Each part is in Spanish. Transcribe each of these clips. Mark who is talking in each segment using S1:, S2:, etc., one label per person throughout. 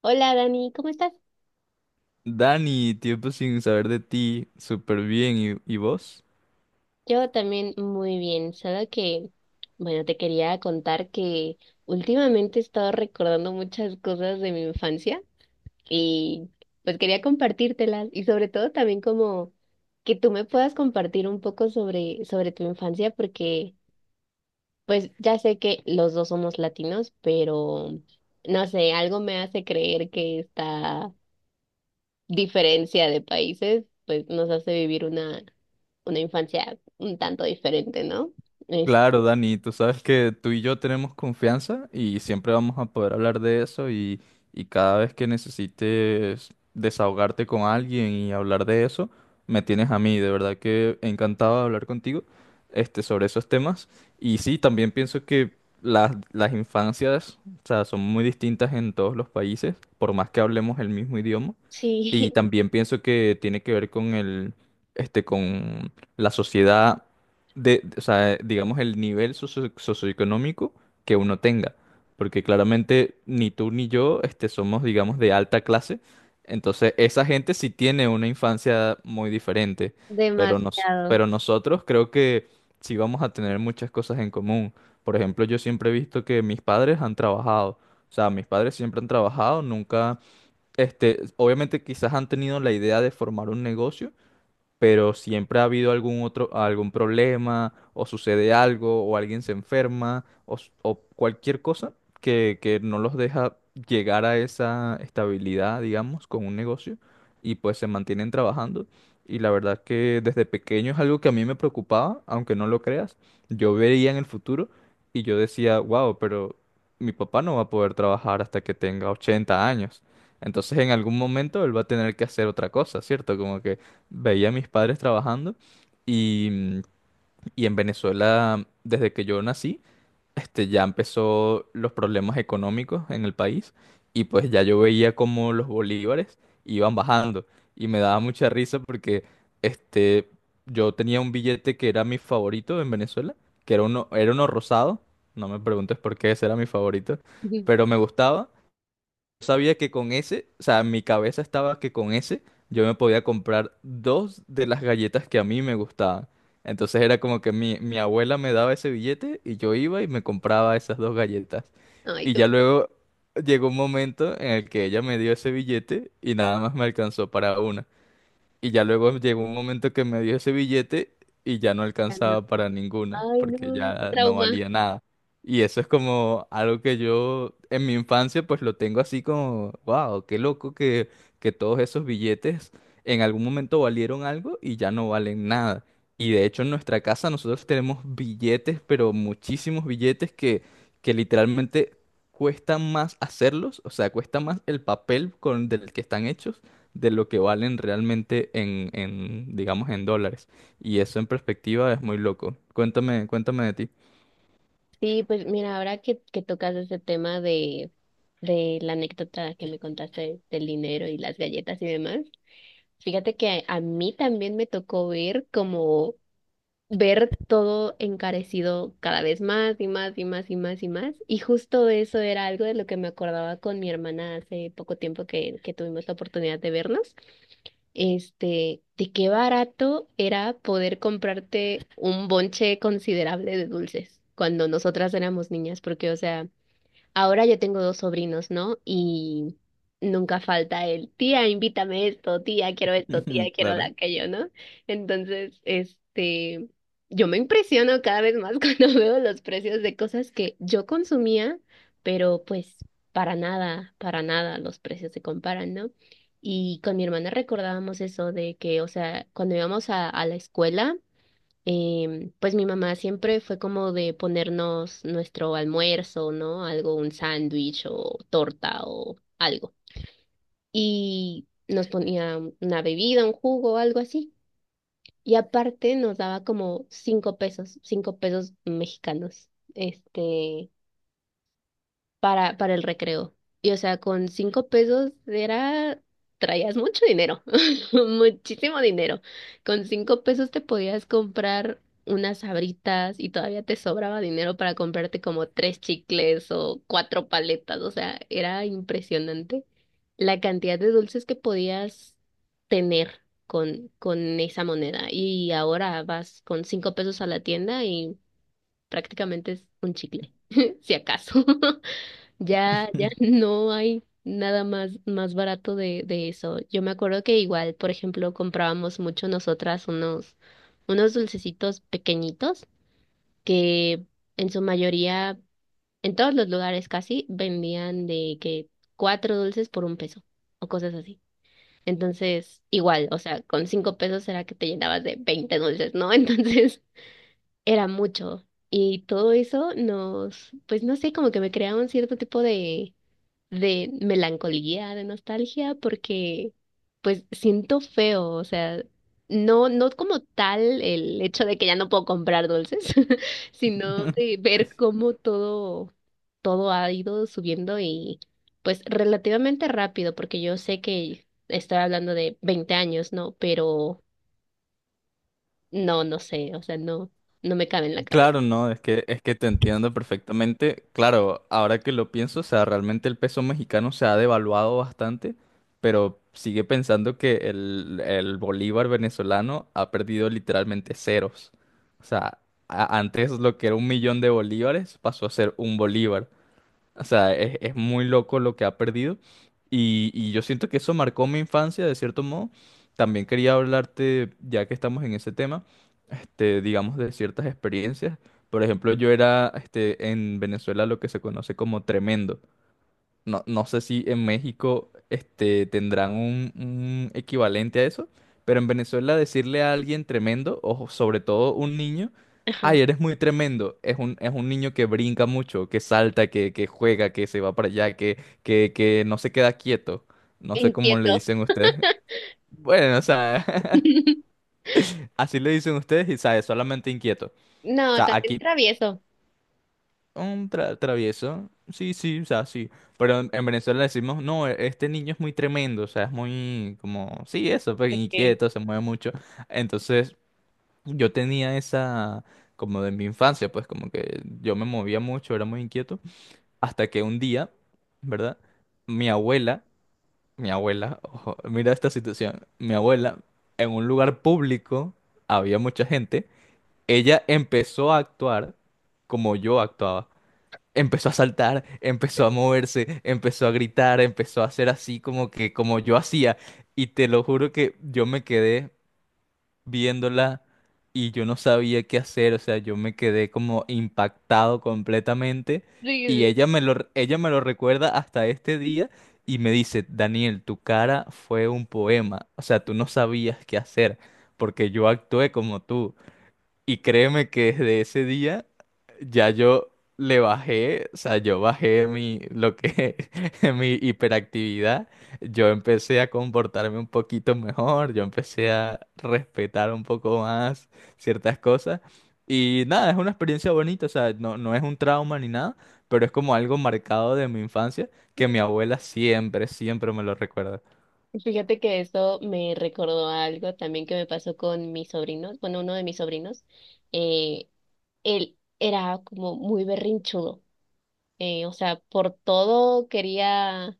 S1: Hola Dani, ¿cómo estás?
S2: Dani, tiempo sin saber de ti, súper bien. ¿Y vos?
S1: Yo también muy bien, solo que, bueno, te quería contar que últimamente he estado recordando muchas cosas de mi infancia y pues quería compartírtelas y sobre todo también como que tú me puedas compartir un poco sobre tu infancia porque pues ya sé que los dos somos latinos, pero no sé, algo me hace creer que está diferencia de países, pues nos hace vivir una infancia un tanto diferente, ¿no? Es-
S2: Claro, Dani, tú sabes que tú y yo tenemos confianza y siempre vamos a poder hablar de eso y cada vez que necesites desahogarte con alguien y hablar de eso, me tienes a mí. De verdad que encantado de hablar contigo, sobre esos temas. Y sí, también pienso que las infancias, o sea, son muy distintas en todos los países, por más que hablemos el mismo idioma. Y
S1: sí,
S2: también pienso que tiene que ver con el, con la sociedad o sea, digamos el nivel socioeconómico que uno tenga, porque claramente ni tú ni yo, somos, digamos, de alta clase, entonces esa gente sí tiene una infancia muy diferente,
S1: demasiado.
S2: pero nosotros creo que sí vamos a tener muchas cosas en común. Por ejemplo, yo siempre he visto que mis padres han trabajado, o sea, mis padres siempre han trabajado, nunca obviamente quizás han tenido la idea de formar un negocio, pero siempre ha habido algún problema, o sucede algo, o alguien se enferma, o cualquier cosa que no los deja llegar a esa estabilidad, digamos, con un negocio, y pues se mantienen trabajando. Y la verdad que desde pequeño es algo que a mí me preocupaba, aunque no lo creas. Yo veía en el futuro y yo decía, wow, pero mi papá no va a poder trabajar hasta que tenga 80 años. Entonces en algún momento él va a tener que hacer otra cosa, ¿cierto? Como que veía a mis padres trabajando y, y en Venezuela, desde que yo nací, ya empezó los problemas económicos en el país y pues ya yo veía como los bolívares iban bajando y me daba mucha risa porque este, yo tenía un billete que era mi favorito en Venezuela, era uno rosado, no me preguntes por qué ese era mi favorito,
S1: Ujú.
S2: pero me gustaba. Sabía que con ese, o sea, en mi cabeza estaba que con ese yo me podía comprar dos de las galletas que a mí me gustaban. Entonces era como que mi abuela me daba ese billete y yo iba y me compraba esas dos galletas.
S1: Ay,
S2: Y
S1: qué-
S2: ya luego llegó un momento en el que ella me dio ese billete y nada más me alcanzó para una. Y ya luego llegó un momento que me dio ese billete y ya no
S1: ya no.
S2: alcanzaba para ninguna,
S1: Ay,
S2: porque
S1: no, qué
S2: ya no
S1: trauma.
S2: valía nada. Y eso es como algo que yo en mi infancia pues lo tengo así como, wow, qué loco que todos esos billetes en algún momento valieron algo y ya no valen nada. Y de hecho en nuestra casa nosotros tenemos billetes, pero muchísimos billetes que literalmente cuesta más hacerlos, o sea, cuesta más el papel con del que están hechos de lo que valen realmente digamos, en dólares. Y eso en perspectiva es muy loco. Cuéntame, cuéntame de ti.
S1: Sí, pues mira, ahora que tocas ese tema de la anécdota que me contaste del dinero y las galletas y demás, fíjate que a mí también me tocó ver como ver todo encarecido cada vez más y más y más y más y más. Y justo eso era algo de lo que me acordaba con mi hermana hace poco tiempo que tuvimos la oportunidad de vernos. Este, de qué barato era poder comprarte un bonche considerable de dulces cuando nosotras éramos niñas, porque, o sea, ahora yo tengo dos sobrinos, ¿no? Y nunca falta el, tía, invítame esto, tía, quiero
S2: Claro.
S1: la aquello, ¿no? Entonces, este, yo me impresiono cada vez más cuando veo los precios de cosas que yo consumía, pero pues para nada los precios se comparan, ¿no? Y con mi hermana recordábamos eso de que, o sea, cuando íbamos a la escuela, pues mi mamá siempre fue como de ponernos nuestro almuerzo, ¿no? Algo, un sándwich o torta o algo. Y nos ponía una bebida, un jugo o algo así. Y aparte nos daba como 5 pesos, 5 pesos mexicanos. Este, para el recreo. Y o sea, con 5 pesos era, traías mucho dinero, muchísimo dinero. Con cinco pesos te podías comprar unas sabritas y todavía te sobraba dinero para comprarte como tres chicles o cuatro paletas. O sea, era impresionante la cantidad de dulces que podías tener con esa moneda. Y ahora vas con 5 pesos a la tienda y prácticamente es un chicle, si acaso. Ya no hay nada más barato de eso. Yo me acuerdo que igual, por ejemplo, comprábamos mucho nosotras unos, unos dulcecitos pequeñitos que en su mayoría, en todos los lugares casi, vendían de que cuatro dulces por un peso o cosas así. Entonces, igual, o sea, con cinco pesos era que te llenabas de 20 dulces, ¿no? Entonces, era mucho. Y todo eso nos, pues no sé, como que me creaba un cierto tipo de melancolía, de nostalgia, porque pues siento feo, o sea, no, no como tal el hecho de que ya no puedo comprar dulces, sino de ver cómo todo, todo ha ido subiendo y pues relativamente rápido, porque yo sé que estoy hablando de 20 años, ¿no? Pero no, no sé, o sea, no, no me cabe en la cabeza.
S2: Claro, no, es que te entiendo perfectamente. Claro, ahora que lo pienso, o sea, realmente el peso mexicano se ha devaluado bastante, pero sigue pensando que el bolívar venezolano ha perdido literalmente ceros. O sea, antes lo que era 1 millón de bolívares pasó a ser un bolívar. O sea, es muy loco lo que ha perdido. Y yo siento que eso marcó mi infancia, de cierto modo. También quería hablarte, ya que estamos en ese tema, digamos, de ciertas experiencias. Por ejemplo, yo era, en Venezuela lo que se conoce como tremendo. No, no sé si en México tendrán un equivalente a eso, pero en Venezuela decirle a alguien tremendo, o sobre todo un niño,
S1: Ajá.
S2: ay, eres muy tremendo, es un niño que brinca mucho, que salta, que juega, que se va para allá, que no se queda quieto. No sé cómo le
S1: Inquieto.
S2: dicen ustedes. Bueno, o sea, así le dicen ustedes y, ¿sabes? Solamente inquieto. O
S1: No,
S2: sea,
S1: también
S2: aquí
S1: travieso.
S2: un travieso. Sí, sí, o sea, sí. Pero en Venezuela decimos, no, este niño es muy tremendo, o sea, es muy como, sí, eso, pues inquieto, se mueve mucho. Entonces, yo tenía esa, como de mi infancia, pues como que yo me movía mucho, era muy inquieto. Hasta que un día, ¿verdad? Mi abuela, mi abuela, ojo, mira esta situación, mi abuela, en un lugar público, había mucha gente, ella empezó a actuar como yo actuaba. Empezó a saltar, empezó a moverse, empezó a gritar, empezó a hacer así como yo hacía. Y te lo juro que yo me quedé viéndola y yo no sabía qué hacer. O sea, yo me quedé como impactado completamente.
S1: Sí, sí,
S2: Y
S1: sí.
S2: ella me lo recuerda hasta este día y me dice, Daniel, tu cara fue un poema. O sea, tú no sabías qué hacer porque yo actué como tú. Y créeme que desde ese día ya yo le bajé, o sea, yo bajé mi hiperactividad, yo empecé a comportarme un poquito mejor, yo empecé a respetar un poco más ciertas cosas. Y nada, es una experiencia bonita, o sea, no, no es un trauma ni nada, pero es como algo marcado de mi infancia que mi abuela siempre, siempre me lo recuerda.
S1: Fíjate que esto me recordó a algo también que me pasó con mis sobrinos, bueno, uno de mis sobrinos, eh, él era como muy berrinchudo, o sea, por todo quería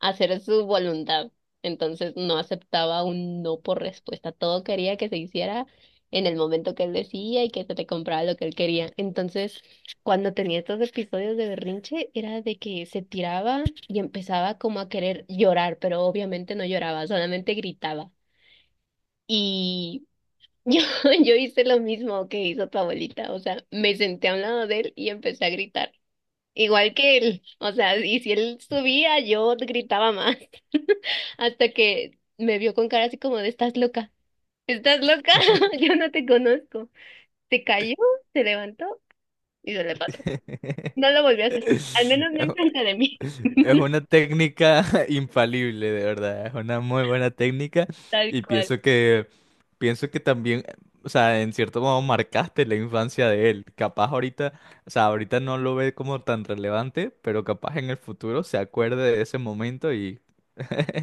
S1: hacer su voluntad. Entonces no aceptaba un no por respuesta. Todo quería que se hiciera en el momento que él decía y que se le compraba lo que él quería. Entonces, cuando tenía estos episodios de berrinche, era de que se tiraba y empezaba como a querer llorar, pero obviamente no lloraba, solamente gritaba. Y yo, yo hice lo mismo que hizo tu abuelita, o sea, me senté a un lado de él y empecé a gritar. Igual que él, o sea, y si él subía, yo gritaba más, hasta que me vio con cara así como de, ¿estás loca? ¿Estás loca? Yo no te conozco. Se cayó, se levantó y se le pasó. No lo volvió a hacer, al menos no enfrente de mí,
S2: Es una técnica infalible, de verdad. Es una muy buena técnica
S1: tal
S2: y
S1: cual.
S2: pienso que también, o sea, en cierto modo marcaste la infancia de él. Capaz ahorita, o sea, ahorita no lo ve como tan relevante, pero capaz en el futuro se acuerde de ese momento y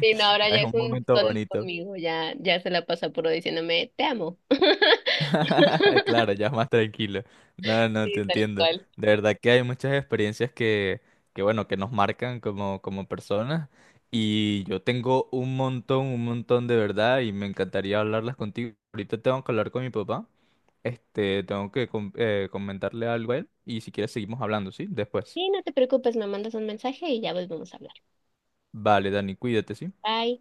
S1: Sí, no, ahora ya
S2: es
S1: es
S2: un
S1: un
S2: momento
S1: sol
S2: bonito.
S1: conmigo, ya, ya se la pasa puro diciéndome, te amo.
S2: Claro, ya es más tranquilo. No, no, te
S1: Sí, tal
S2: entiendo.
S1: cual.
S2: De verdad que hay muchas experiencias que bueno, que nos marcan como, como personas. Y yo tengo un montón de verdad y me encantaría hablarlas contigo. Ahorita tengo que hablar con mi papá. Tengo que comentarle algo a él y si quieres seguimos hablando, ¿sí? Después.
S1: Sí, no te preocupes, me mandas un mensaje y ya volvemos a hablar.
S2: Vale, Dani, cuídate, ¿sí?
S1: Bye.